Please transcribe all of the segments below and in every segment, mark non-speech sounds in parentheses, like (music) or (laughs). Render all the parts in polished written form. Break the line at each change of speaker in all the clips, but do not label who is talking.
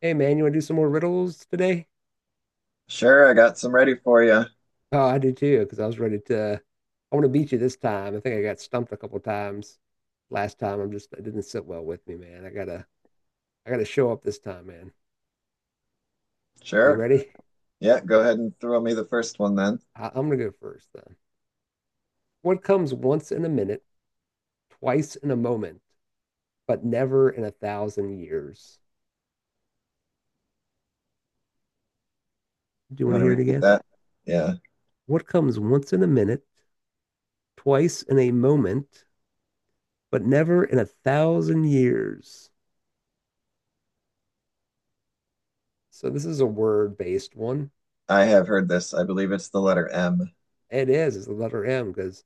Hey man, you want to do some more riddles today?
Sure, I got some ready for you.
Oh, I do too, because I was ready to. I want to beat you this time. I think I got stumped a couple times last time. I'm just it didn't sit well with me, man. I gotta show up this time, man. You
Sure.
ready?
Yeah, go ahead and throw me the first one then.
I'm gonna go first then. What comes once in a minute, twice in a moment, but never in a thousand years? Do you
You
want to
want to
hear it
repeat
again?
that? Yeah,
What comes once in a minute, twice in a moment, but never in a thousand years? So this is a word-based one.
I have heard this. I believe it's the letter M.
It is. It's the letter M because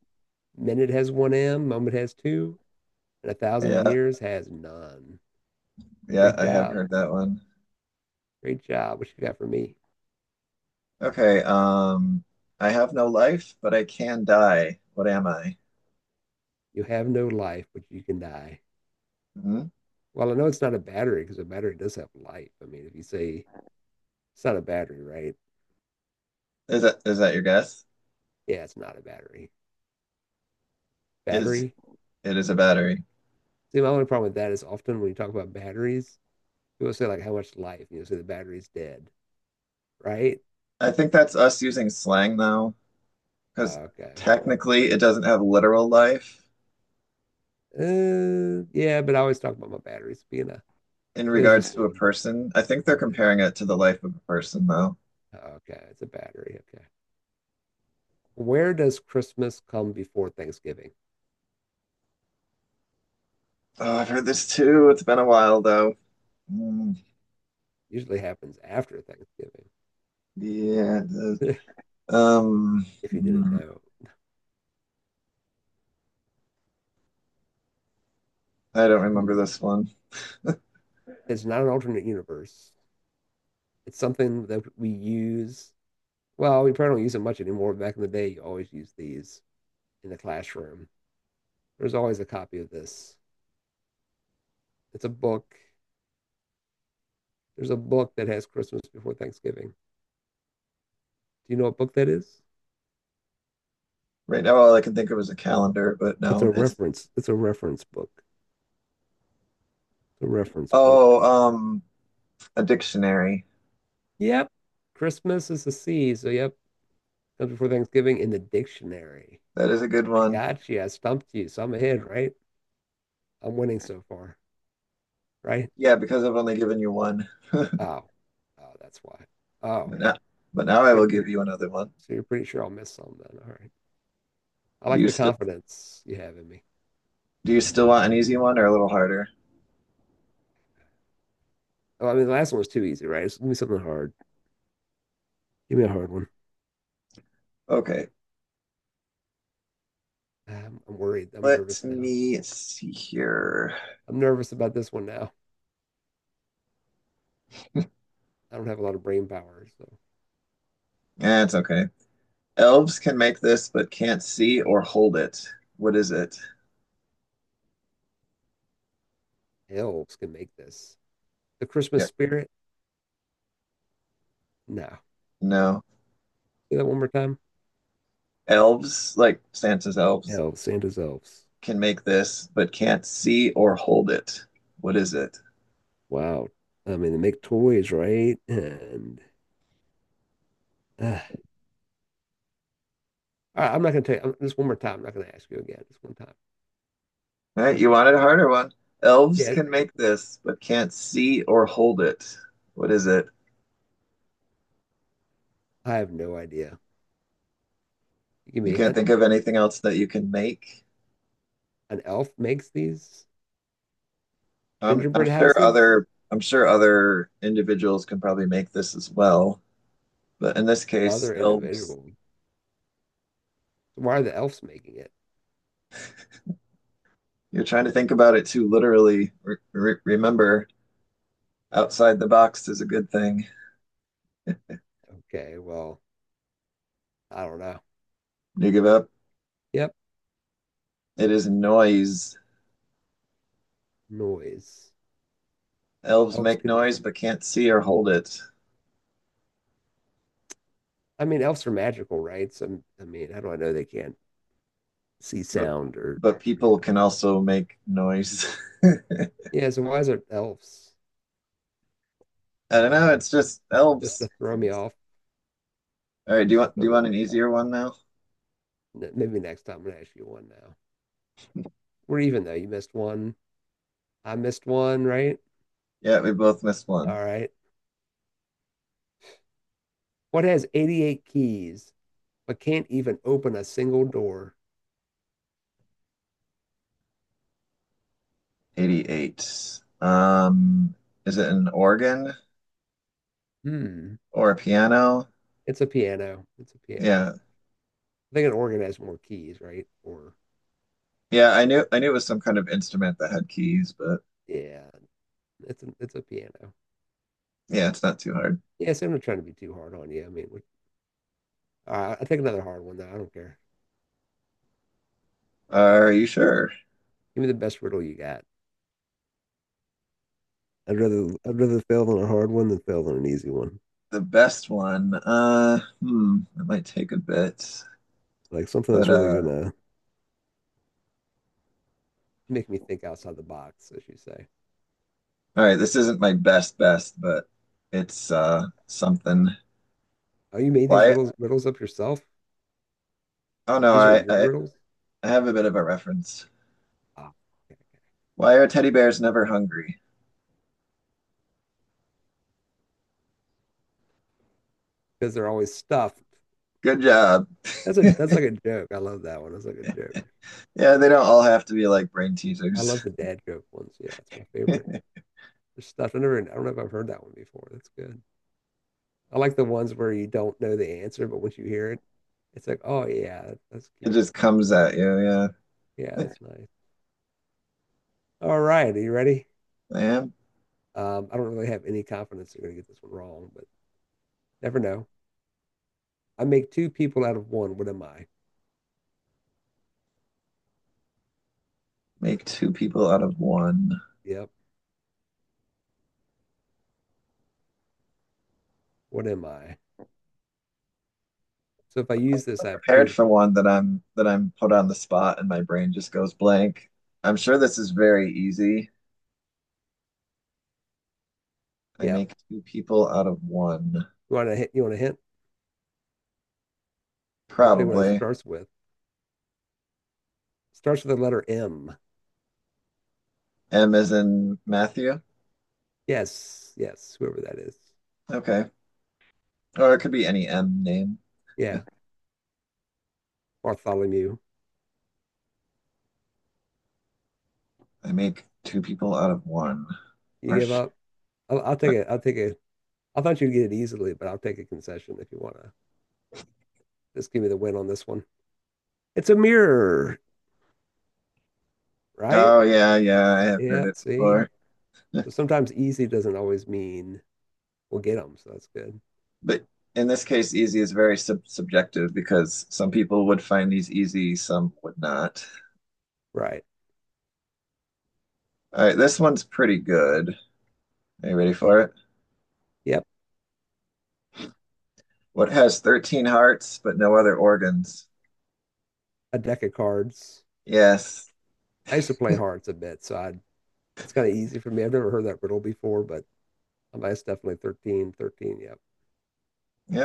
minute has one M, moment has two, and a thousand
Yeah,
years has none.
yeah,
Great
I have
job.
heard that one.
Great job. What you got for me?
Okay, I have no life, but I can die. What am I?
You have no life, but you can die.
Hmm?
Well, I know it's not a battery because a battery does have life. I mean, if you say it's not a battery, right?
Is that your guess?
Yeah, it's not a battery.
Is
Battery.
it is a battery?
See, my only problem with that is often when you talk about batteries, people say like how much life, say the battery's dead, right?
I think that's us using slang though, because
Okay.
technically it doesn't have literal life
Yeah, but I always talk about my batteries being a.
in
It's just
regards to a person. I think they're
maybe that's
comparing it to the life of a person though.
okay, it's a battery. Okay. Where does Christmas come before Thanksgiving?
Oh, I've heard this too. It's been a while though. Mm,
Usually happens after Thanksgiving,
yeah.
(laughs)
Um,
if you didn't
mm,
know. (clears throat)
I don't remember
Hmm.
this one.
It's not an alternate universe. It's something that we use. Well, we probably don't use it much anymore. Back in the day, you always used these in the classroom. There's always a copy of this. It's a book. There's a book that has Christmas before Thanksgiving. Do you know what book that is?
Right now, all I can think of is a calendar, but
It's a
no, it's
reference. It's a reference book. It's a reference book.
oh, um, a dictionary.
Yep. Christmas is a C, so yep, just before Thanksgiving in the dictionary.
That is a good
I
one.
got you. I stumped you. So I'm ahead, right? I'm winning so far, right?
Yeah, because I've only given you one. (laughs)
Oh, oh, that's why. Oh,
But now, but now
so
I
you're
will give
pretty,
you another one.
so you're pretty sure I'll miss some then. All right. I
Do
like
you
the
still
confidence you have in me.
do you still want an easy one or a little harder?
Oh, I mean, the last one was too easy, right? So give me something hard. Give me a hard one.
Okay,
I'm worried. I'm
let
nervous now.
me see here.
I'm nervous about this one now. I don't have a lot of brain power, so
Yeah, it's okay. Elves can make this, but can't see or hold it. What is it?
elves can make this. The Christmas
Yeah,
spirit? No.
no.
Say that one more time.
Elves, like Santa's elves,
Elves, Santa's elves.
can make this, but can't see or hold it. What is it?
Wow. I mean, they make toys, right? And uh, all right, I'm not going to tell you this one more time. I'm not going to ask you again. This one time.
All
One
right,
more
you
time.
wanted a harder one. Elves
Yeah,
can make this, but can't see or hold it. What is it?
I have no idea. You give
You
me a
can't
hint.
think of anything else that you can make.
An elf makes these
I'm I'm
gingerbread
sure
houses?
other I'm sure other individuals can probably make this as well, but in this case,
Other
elves,
individual. Why are the elves making it?
you're trying to think about it too literally. Re re remember, outside the box is a good thing.
Okay, well, I don't know.
You give up.
Yep,
It is noise.
noise.
Elves
Elves
make
can,
noise but can't see or hold it.
I mean, elves are magical, right? So, I mean, how do I know they can't see
But
sound or,
but
you
people
know?
can also make noise. (laughs) I
Yeah, so why is it elves?
don't know. It's just
Just
elves.
to throw me off.
All right. Do you
Just to
want do
throw
you
me
want
off.
an
Elves.
easier one now?
Maybe next time I'm gonna ask you one now. We're even though you missed one. I missed one, right?
Yeah, we both missed one.
All right. What has 88 keys but can't even open a single door?
88. Is it an organ
Hmm.
or a piano?
It's a piano. It's a piano.
Yeah.
I think an organ has more keys, right? Or
Yeah, I knew it was some kind of instrument that had keys, but
yeah, it's a piano.
yeah, it's not too hard.
Yeah, so I'm not trying to be too hard on you. I mean, I take another hard one though. I don't care.
Are you sure?
Give me the best riddle you got. I'd rather fail on a hard one than fail on an easy one.
The best one. It might take a bit,
Like something
but
that's really gonna make me think outside the box, as you say.
all right, this isn't my best best, but it's something.
Oh, you made these
Why?
riddles up yourself?
Oh no,
These are
I,
your
I
riddles?
I have a bit of a reference. Why are teddy bears never hungry?
Because they're always stuffed.
Good job.
That's like a joke. I love that one. That's like a joke.
Yeah, they don't all have to be like brain
I love
teasers.
the
(laughs)
dad joke ones. Yeah, it's my favorite. They're stuffed. I don't know if I've heard that one before. That's good. I like the ones where you don't know the answer, but once you hear it, it's like, oh yeah, that's
It
cute.
just comes at you. Yeah,
Yeah, that's nice. All right, are you ready?
I am.
I don't really have any confidence you're gonna get this one wrong, but never know. I make two people out of one. What am I?
Make two people out of one.
Yep. What am I? So if I use this,
I'm
I have
prepared
two
for
people.
one that I'm put on the spot and my brain just goes blank. I'm sure this is very easy. I
Yep.
make two people out of one.
You want a hint? You want a hint? I'll tell you what it
Probably.
starts with. It starts with the letter M.
M as in Matthew?
Yes, yes, whoever that is.
Okay. Or it could be any M name.
Yeah, Bartholomew.
I make two people out of one.
You
Or
give up? I'll take it. I'll take it. I thought you'd get it easily, but I'll take a concession if you want to. Just give me the win on this one. It's a mirror, right?
oh yeah, yeah, I have heard
Yeah.
it
See,
before.
so sometimes easy doesn't always mean we'll get them. So that's good,
But in this case, easy is very subjective because some people would find these easy, some would not.
right?
All right, this one's pretty good. Are you ready for it?
Yep.
What has 13 hearts but no other organs?
A deck of cards.
Yes.
I used to play hearts a bit, so I it's kind of easy for me. I've never heard that riddle before, but I'm definitely 13, 13. Yep.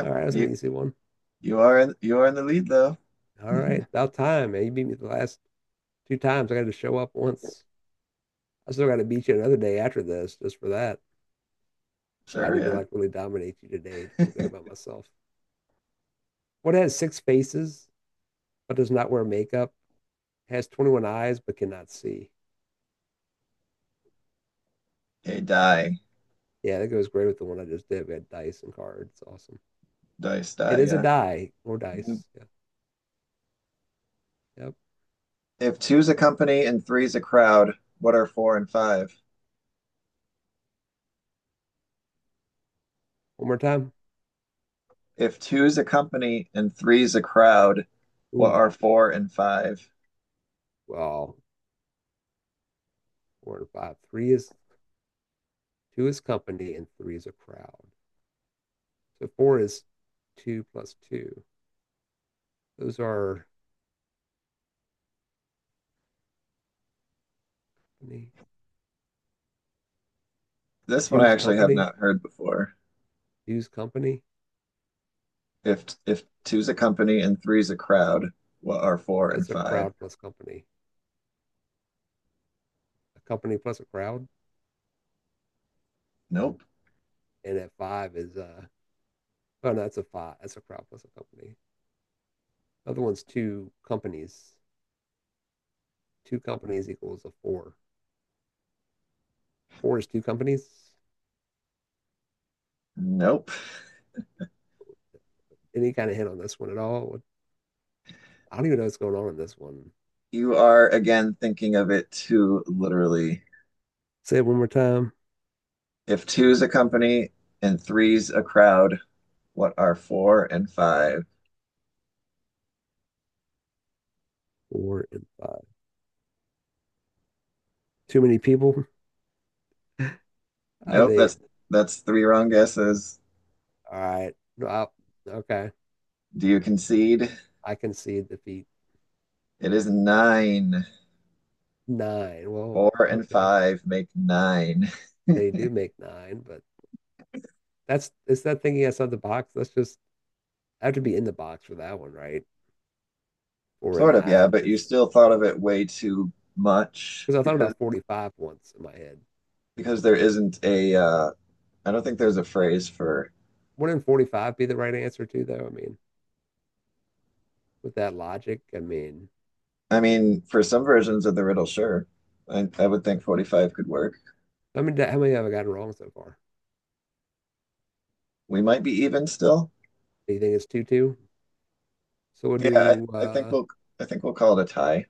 All right, that's an
You
easy one.
you are in you are in the lead though.
All
(laughs)
right, about time, man. You beat me the last two times. I got to show up once. I still got to beat you another day after this, just for that. So I
Sure,
need to
yeah.
like really dominate you today to feel good about myself. What has six faces but does not wear makeup? Has 21 eyes but cannot see.
A die,
Yeah, that goes great with the one I just did. We had dice and cards. It's awesome.
dice,
It
die,
is a
yeah.
die or
Mhm.
dice. Yeah. Yep.
If two's a company and three's a crowd, what are four and five?
One more time.
If two's a company and three's a crowd, what
Ooh,
are four and five?
well, four and five. Three is Two is company and three is a crowd. So four is two plus two. Those are
This one I
Two's
actually have
company.
not heard before.
Two's company.
If two's a company and three's a crowd, what are four and
That's a
five?
crowd plus company. A company plus a crowd.
Nope.
And at five is oh no, that's a five. That's a crowd plus a company. The other one's two companies. Two companies equals a four. Four is two companies.
Nope.
Any kind of hint on this one at all? I don't even know what's going on in this one.
You are again thinking of it too literally.
Say it one more time.
If two's a company and three's a crowd, what are four and five?
Four and five. Too many people. I
Nope,
mean,
that's that's three wrong guesses.
all right. No, okay.
Do you concede?
I concede defeat.
It is nine.
Nine. Well,
Four and
okay.
five make nine. (laughs)
They do make nine, but that's it's that thinking outside the box. That's just I have to be in the box for that one, right? Or a
Sort of, yeah,
nine,
but you
because
still thought of it way too much
because I thought
because
about 45 once in my head.
there isn't a I don't think there's a phrase for
Wouldn't 45 be the right answer too, though? I mean, with that logic, I mean,
I mean, for some versions of the riddle, sure. I would think
okay.
45 could work.
I mean, how many have I gotten wrong so far?
We might be even still.
Do you think it's 2-2? So we'll
Yeah,
do
I, I think we'll I think we'll call it a tie.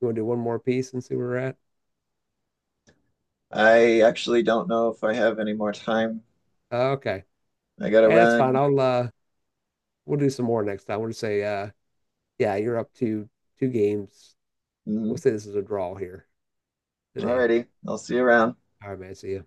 you want to do one more piece and see where we're at?
I actually don't know if I have any more time.
Okay.
I gotta
Hey, that's fine.
run.
I'll we'll do some more next time. We'll just say yeah, you're up to two games. We'll
Mhm.
say this is a draw here today.
Alrighty, I'll see you around.
All right, man. See ya.